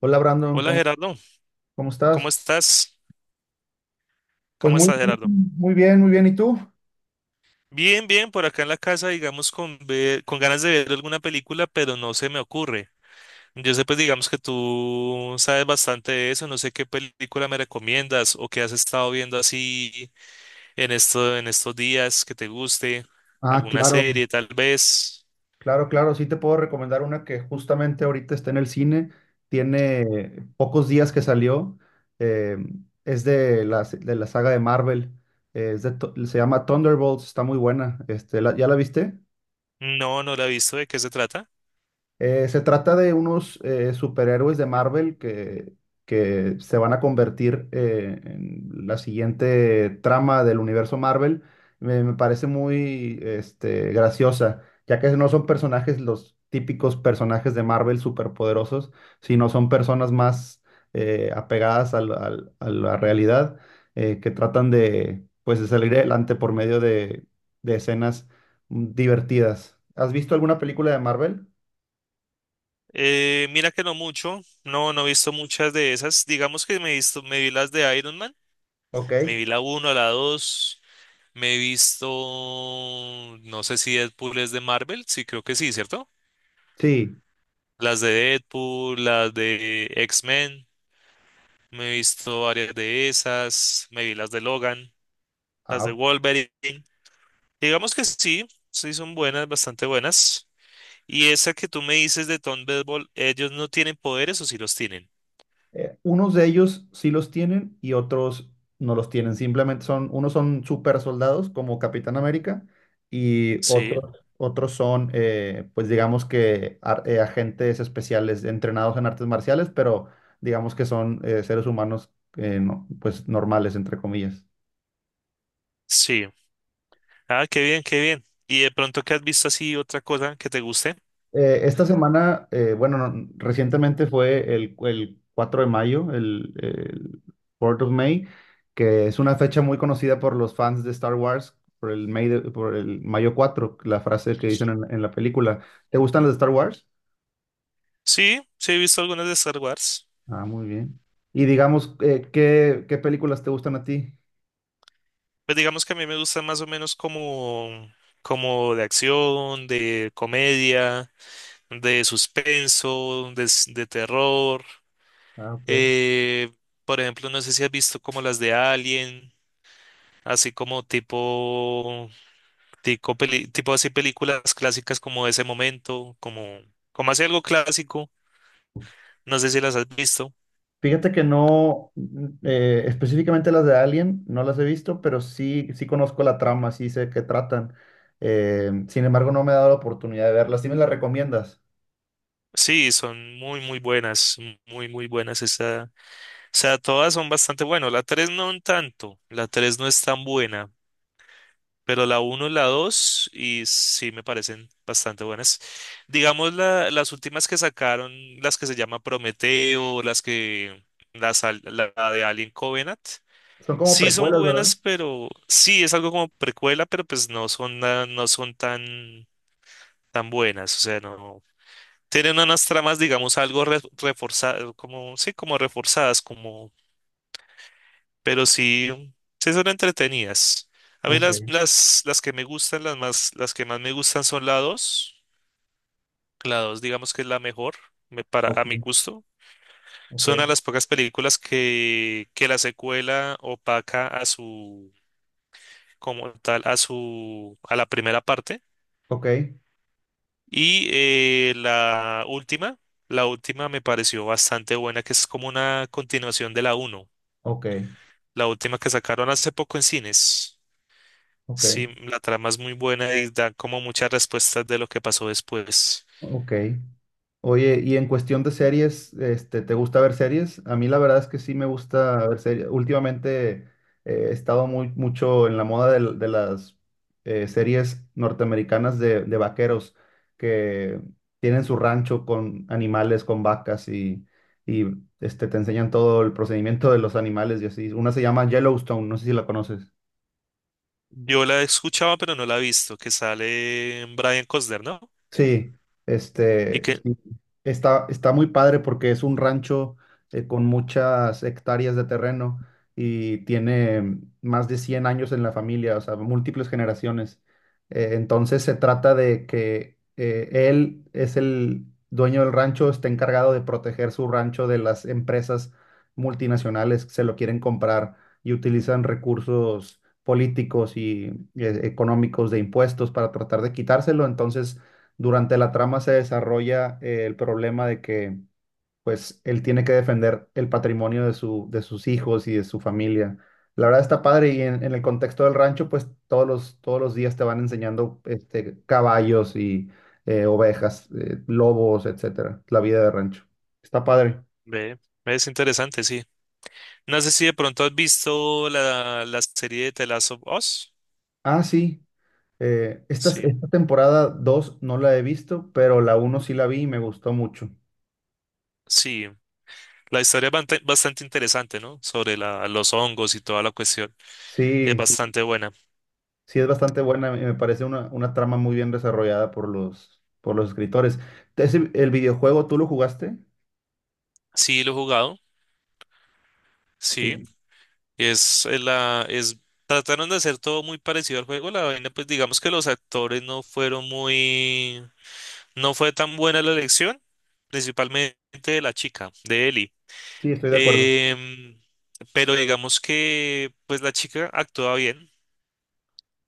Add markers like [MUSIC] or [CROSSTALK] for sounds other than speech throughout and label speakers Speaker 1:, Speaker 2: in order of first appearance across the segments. Speaker 1: Hola Brandon,
Speaker 2: Hola
Speaker 1: ¿cómo,
Speaker 2: Gerardo,
Speaker 1: cómo
Speaker 2: ¿cómo
Speaker 1: estás?
Speaker 2: estás?
Speaker 1: Pues
Speaker 2: ¿Cómo
Speaker 1: muy
Speaker 2: estás Gerardo?
Speaker 1: bien, muy bien, muy bien. ¿Y tú?
Speaker 2: Bien, bien, por acá en la casa, digamos, con ganas de ver alguna película, pero no se me ocurre. Yo sé, pues, digamos que tú sabes bastante de eso, no sé qué película me recomiendas o qué has estado viendo así en esto, en estos días que te guste,
Speaker 1: Ah,
Speaker 2: alguna
Speaker 1: claro,
Speaker 2: serie tal vez.
Speaker 1: claro, claro. Sí te puedo recomendar una que justamente ahorita está en el cine. Tiene pocos días que salió. eh, es de la saga de Marvel. Es de se llama Thunderbolts. Está muy buena. Este, ¿ya la viste?
Speaker 2: No, no la he visto, ¿de qué se trata?
Speaker 1: Se trata de unos superhéroes de Marvel que se van a convertir en la siguiente trama del universo Marvel. Me parece muy este, graciosa, ya que no son personajes los típicos personajes de Marvel superpoderosos, sino son personas más apegadas a la realidad, que tratan de, pues, de salir adelante por medio de escenas divertidas. ¿Has visto alguna película de Marvel?
Speaker 2: Mira que no mucho, no, no he visto muchas de esas. Digamos que me he visto, me vi las de Iron Man, me
Speaker 1: Ok.
Speaker 2: vi la 1, la 2. Me he visto, no sé si Deadpool es de Marvel, sí creo que sí, ¿cierto?
Speaker 1: Sí.
Speaker 2: Las de Deadpool, las de X-Men, me he visto varias de esas, me vi las de Logan, las de
Speaker 1: Ah,
Speaker 2: Wolverine. Digamos que sí, sí son buenas, bastante buenas. Y esa que tú me dices de Tom Thunderbolt, ¿ellos no tienen poderes o sí los tienen?
Speaker 1: unos de ellos sí los tienen y otros no los tienen. Simplemente son, unos son super soldados como Capitán América y
Speaker 2: Sí,
Speaker 1: otros, otros son, pues digamos que agentes especiales entrenados en artes marciales, pero digamos que son seres humanos pues normales, entre comillas.
Speaker 2: sí. Ah, qué bien, qué bien. ¿Y de pronto qué has visto así otra cosa que te guste?
Speaker 1: Esta semana, bueno, no, recientemente fue el 4 de mayo, el 4 of May, que es una fecha muy conocida por los fans de Star Wars, por el, por el mayo 4, la frase que dicen en la película. ¿Te gustan las de Star Wars?
Speaker 2: Sí, sí he visto algunas de Star Wars.
Speaker 1: Ah, muy bien. Y digamos, ¿qué películas te gustan a ti?
Speaker 2: Pues digamos que a mí me gustan más o menos como, como de acción, de comedia, de suspenso, de terror.
Speaker 1: Ah, ok.
Speaker 2: Eh, por ejemplo, no sé si has visto como las de Alien, así como tipo, tipo así películas clásicas como ese momento, como, como así algo clásico. No sé si las has visto.
Speaker 1: Fíjate que no, específicamente las de Alien, no las he visto, pero sí, sí conozco la trama, sí sé qué tratan. Sin embargo, no me he dado la oportunidad de verlas. ¿Sí me las recomiendas?
Speaker 2: Sí, son muy, muy buenas, muy, muy buenas. Esa, o sea, todas son bastante buenas. La 3 no un tanto, la 3 no es tan buena. Pero la uno y la 2 y sí me parecen bastante buenas. Digamos, las últimas que sacaron, las que se llama Prometeo, las que, las, al- la de Alien Covenant,
Speaker 1: Son como
Speaker 2: sí son
Speaker 1: precuelas,
Speaker 2: buenas,
Speaker 1: ¿verdad?
Speaker 2: pero sí es algo como precuela, pero pues no son, no son tan, tan buenas. O sea, no tienen unas tramas, digamos, reforzadas, como, sí, como reforzadas, pero sí, sí son entretenidas. A mí
Speaker 1: Ok,
Speaker 2: las que me gustan, las más, las que más me gustan son la 2. La 2, digamos que es la mejor, para,
Speaker 1: ok,
Speaker 2: a mi gusto.
Speaker 1: ok,
Speaker 2: Son a las pocas películas que la secuela opaca a su, como tal, a su, a la primera parte.
Speaker 1: ok,
Speaker 2: Y la última me pareció bastante buena, que es como una continuación de la uno,
Speaker 1: ok,
Speaker 2: la última que sacaron hace poco en cines. Sí,
Speaker 1: ok.
Speaker 2: la trama es muy buena y da como muchas respuestas de lo que pasó después.
Speaker 1: Ok. Oye, y en cuestión de series, este, ¿te gusta ver series? A mí la verdad es que sí me gusta ver series. Últimamente he estado muy, mucho en la moda de, las series norteamericanas de vaqueros que tienen su rancho con animales, con vacas y este, te enseñan todo el procedimiento de los animales y así. Una se llama Yellowstone, no sé si la conoces.
Speaker 2: Yo la he escuchado, pero no la he visto, que sale Brian Cosner, ¿no?
Speaker 1: Sí,
Speaker 2: Y
Speaker 1: este,
Speaker 2: que
Speaker 1: sí, está, está muy padre porque es un rancho con muchas hectáreas de terreno y tiene más de 100 años en la familia, o sea, múltiples generaciones. Entonces se trata de que él es el dueño del rancho, está encargado de proteger su rancho de las empresas multinacionales que se lo quieren comprar y utilizan recursos políticos y económicos de impuestos para tratar de quitárselo. Entonces durante la trama se desarrolla el problema de que, pues, él tiene que defender el patrimonio de su, de sus hijos y de su familia. La verdad está padre y en el contexto del rancho, pues, todos los días te van enseñando este, caballos y ovejas, lobos, etcétera. La vida de rancho. Está padre.
Speaker 2: ve, es interesante, sí. No sé si de pronto has visto la serie de The Last of Us.
Speaker 1: Ah, sí.
Speaker 2: Sí,
Speaker 1: Esta temporada 2 no la he visto, pero la uno sí la vi y me gustó mucho.
Speaker 2: sí. La historia es bastante interesante, ¿no? Sobre la, los hongos y toda la cuestión. Es
Speaker 1: Sí, sí.
Speaker 2: bastante buena.
Speaker 1: Sí, es bastante buena, y me parece una trama muy bien desarrollada por los escritores. ¿El videojuego tú lo jugaste?
Speaker 2: Sí, lo he jugado. Sí.
Speaker 1: Sí,
Speaker 2: Es, eh, la, es, Trataron de hacer todo muy parecido al juego. La vaina, pues digamos que los actores no fueron muy, no fue tan buena la elección, principalmente de la chica, de Ellie.
Speaker 1: sí, estoy de acuerdo,
Speaker 2: Em, pero digamos que, pues la chica actuaba bien,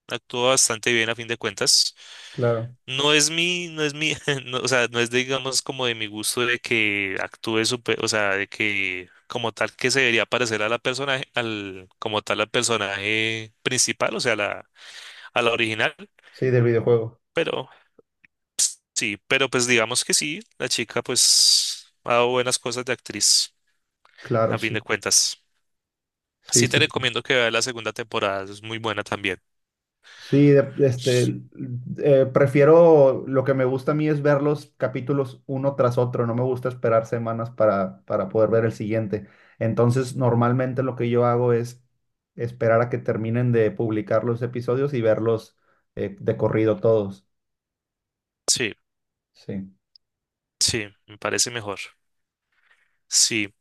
Speaker 2: actuó bastante bien a fin de cuentas.
Speaker 1: claro.
Speaker 2: No es mi, no es mi, [LAUGHS] no, o sea, no es digamos como de mi gusto de que actúe súper, o sea, de que como tal que se debería parecer a la personaje, al, como tal al personaje principal, o sea, la, a la original,
Speaker 1: Sí, del videojuego,
Speaker 2: pero sí, pero pues digamos que sí, la chica pues ha dado buenas cosas de actriz,
Speaker 1: claro,
Speaker 2: a fin
Speaker 1: sí,
Speaker 2: de cuentas.
Speaker 1: sí,
Speaker 2: Sí te
Speaker 1: sí.
Speaker 2: recomiendo que veas la segunda temporada, es muy buena también.
Speaker 1: Sí, este, prefiero, lo que me gusta a mí es ver los capítulos uno tras otro, no me gusta esperar semanas para poder ver el siguiente. Entonces, normalmente lo que yo hago es esperar a que terminen de publicar los episodios y verlos de corrido todos.
Speaker 2: Sí,
Speaker 1: Sí.
Speaker 2: sí, me parece mejor. Sí.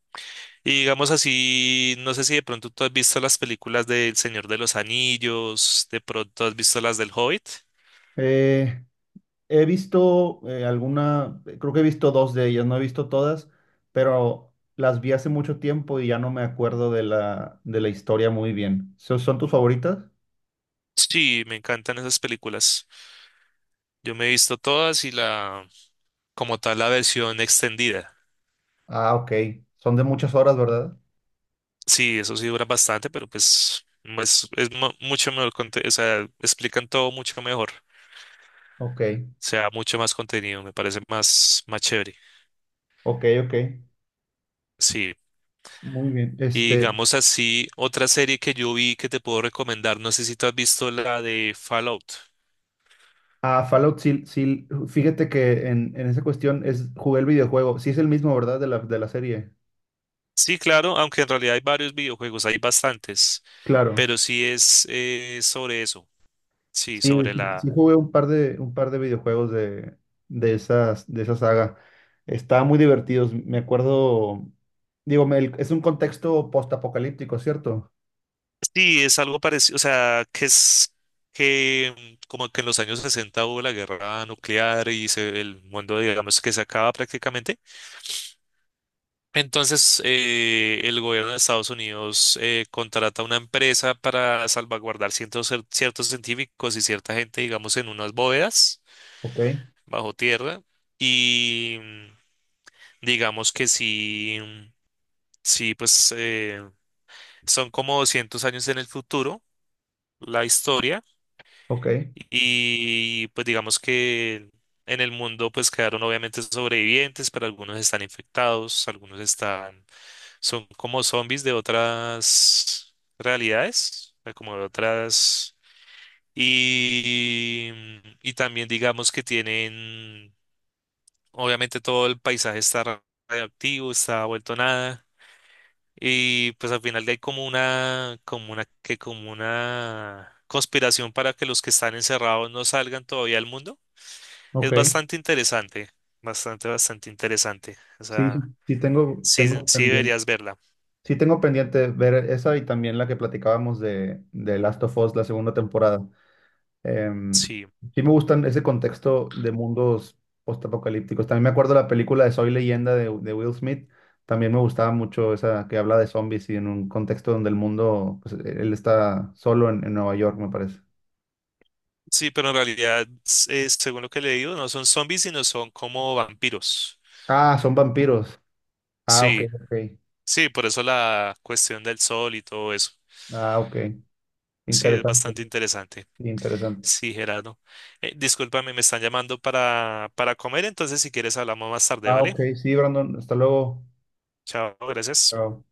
Speaker 2: Y digamos así, no sé si de pronto tú has visto las películas de El Señor de los Anillos, de pronto has visto las del Hobbit.
Speaker 1: Eh, he visto alguna, creo que he visto dos de ellas, no he visto todas, pero las vi hace mucho tiempo y ya no me acuerdo de la historia muy bien. ¿Son tus favoritas?
Speaker 2: Sí, me encantan esas películas. Yo me he visto todas y como tal, la versión extendida.
Speaker 1: Ah, ok. Son de muchas horas, ¿verdad?
Speaker 2: Sí, eso sí dura bastante, pero pues es mucho mejor, o sea, explican todo mucho mejor.
Speaker 1: Ok,
Speaker 2: O sea, mucho más contenido, me parece más, más chévere.
Speaker 1: ok, ok.
Speaker 2: Sí.
Speaker 1: Muy bien.
Speaker 2: Y
Speaker 1: Este,
Speaker 2: digamos así, otra serie que yo vi que te puedo recomendar, no sé si tú has visto la de Fallout.
Speaker 1: ah, Fallout, sí, sí, fíjate que en esa cuestión es, jugué el videojuego. Sí es el mismo, ¿verdad? De la serie.
Speaker 2: Sí, claro, aunque en realidad hay varios videojuegos, hay bastantes,
Speaker 1: Claro.
Speaker 2: pero sí es sobre eso, sí,
Speaker 1: Sí,
Speaker 2: sobre
Speaker 1: sí,
Speaker 2: la...
Speaker 1: sí jugué un par de videojuegos de esas, de esa saga. Estaban muy divertidos. Me acuerdo, digo, es un contexto postapocalíptico, ¿cierto?
Speaker 2: Sí, es algo parecido, o sea, que es que como que en los años 60 hubo la guerra nuclear y el mundo, digamos, que se acaba prácticamente. Entonces, el gobierno de Estados Unidos contrata una empresa para salvaguardar ciertos científicos y cierta gente, digamos, en unas bóvedas
Speaker 1: Ok,
Speaker 2: bajo tierra. Y digamos que sí, sí, pues son como 200 años en el futuro la historia
Speaker 1: ok,
Speaker 2: y pues digamos que en el mundo pues quedaron obviamente sobrevivientes, pero algunos están infectados, algunos están, son como zombies de otras realidades, o sea, como de otras y, y también digamos que tienen, obviamente todo el paisaje está radioactivo, está vuelto nada. Y pues al final hay como una, que como una conspiración para que los que están encerrados no salgan todavía al mundo. Es
Speaker 1: ok.
Speaker 2: bastante interesante, bastante, bastante interesante. O
Speaker 1: Sí, sí
Speaker 2: sea,
Speaker 1: sí tengo,
Speaker 2: sí,
Speaker 1: tengo
Speaker 2: sí
Speaker 1: pendiente.
Speaker 2: deberías verla.
Speaker 1: Sí tengo pendiente ver esa y también la que platicábamos de Last of Us, la segunda temporada. Em,
Speaker 2: Sí,
Speaker 1: sí me gustan ese contexto de mundos postapocalípticos. También me acuerdo de la película de Soy Leyenda de Will Smith. También me gustaba mucho esa que habla de zombies y en un contexto donde el mundo, pues, e, él está solo en Nueva York, me parece.
Speaker 2: sí, pero en realidad, según lo que le digo, no son zombies, sino son como vampiros.
Speaker 1: Ah, son vampiros. Ah, ok,
Speaker 2: Sí,
Speaker 1: ok.
Speaker 2: sí, por eso la cuestión del sol y todo eso.
Speaker 1: Ah, ok.
Speaker 2: Sí, es
Speaker 1: Interesante,
Speaker 2: bastante interesante.
Speaker 1: sí, interesante.
Speaker 2: Sí, Gerardo. Discúlpame, me están llamando para comer, entonces si quieres hablamos más tarde,
Speaker 1: Ah,
Speaker 2: ¿vale?
Speaker 1: ok, sí, Brandon. Hasta luego.
Speaker 2: Chao, gracias.
Speaker 1: Chao.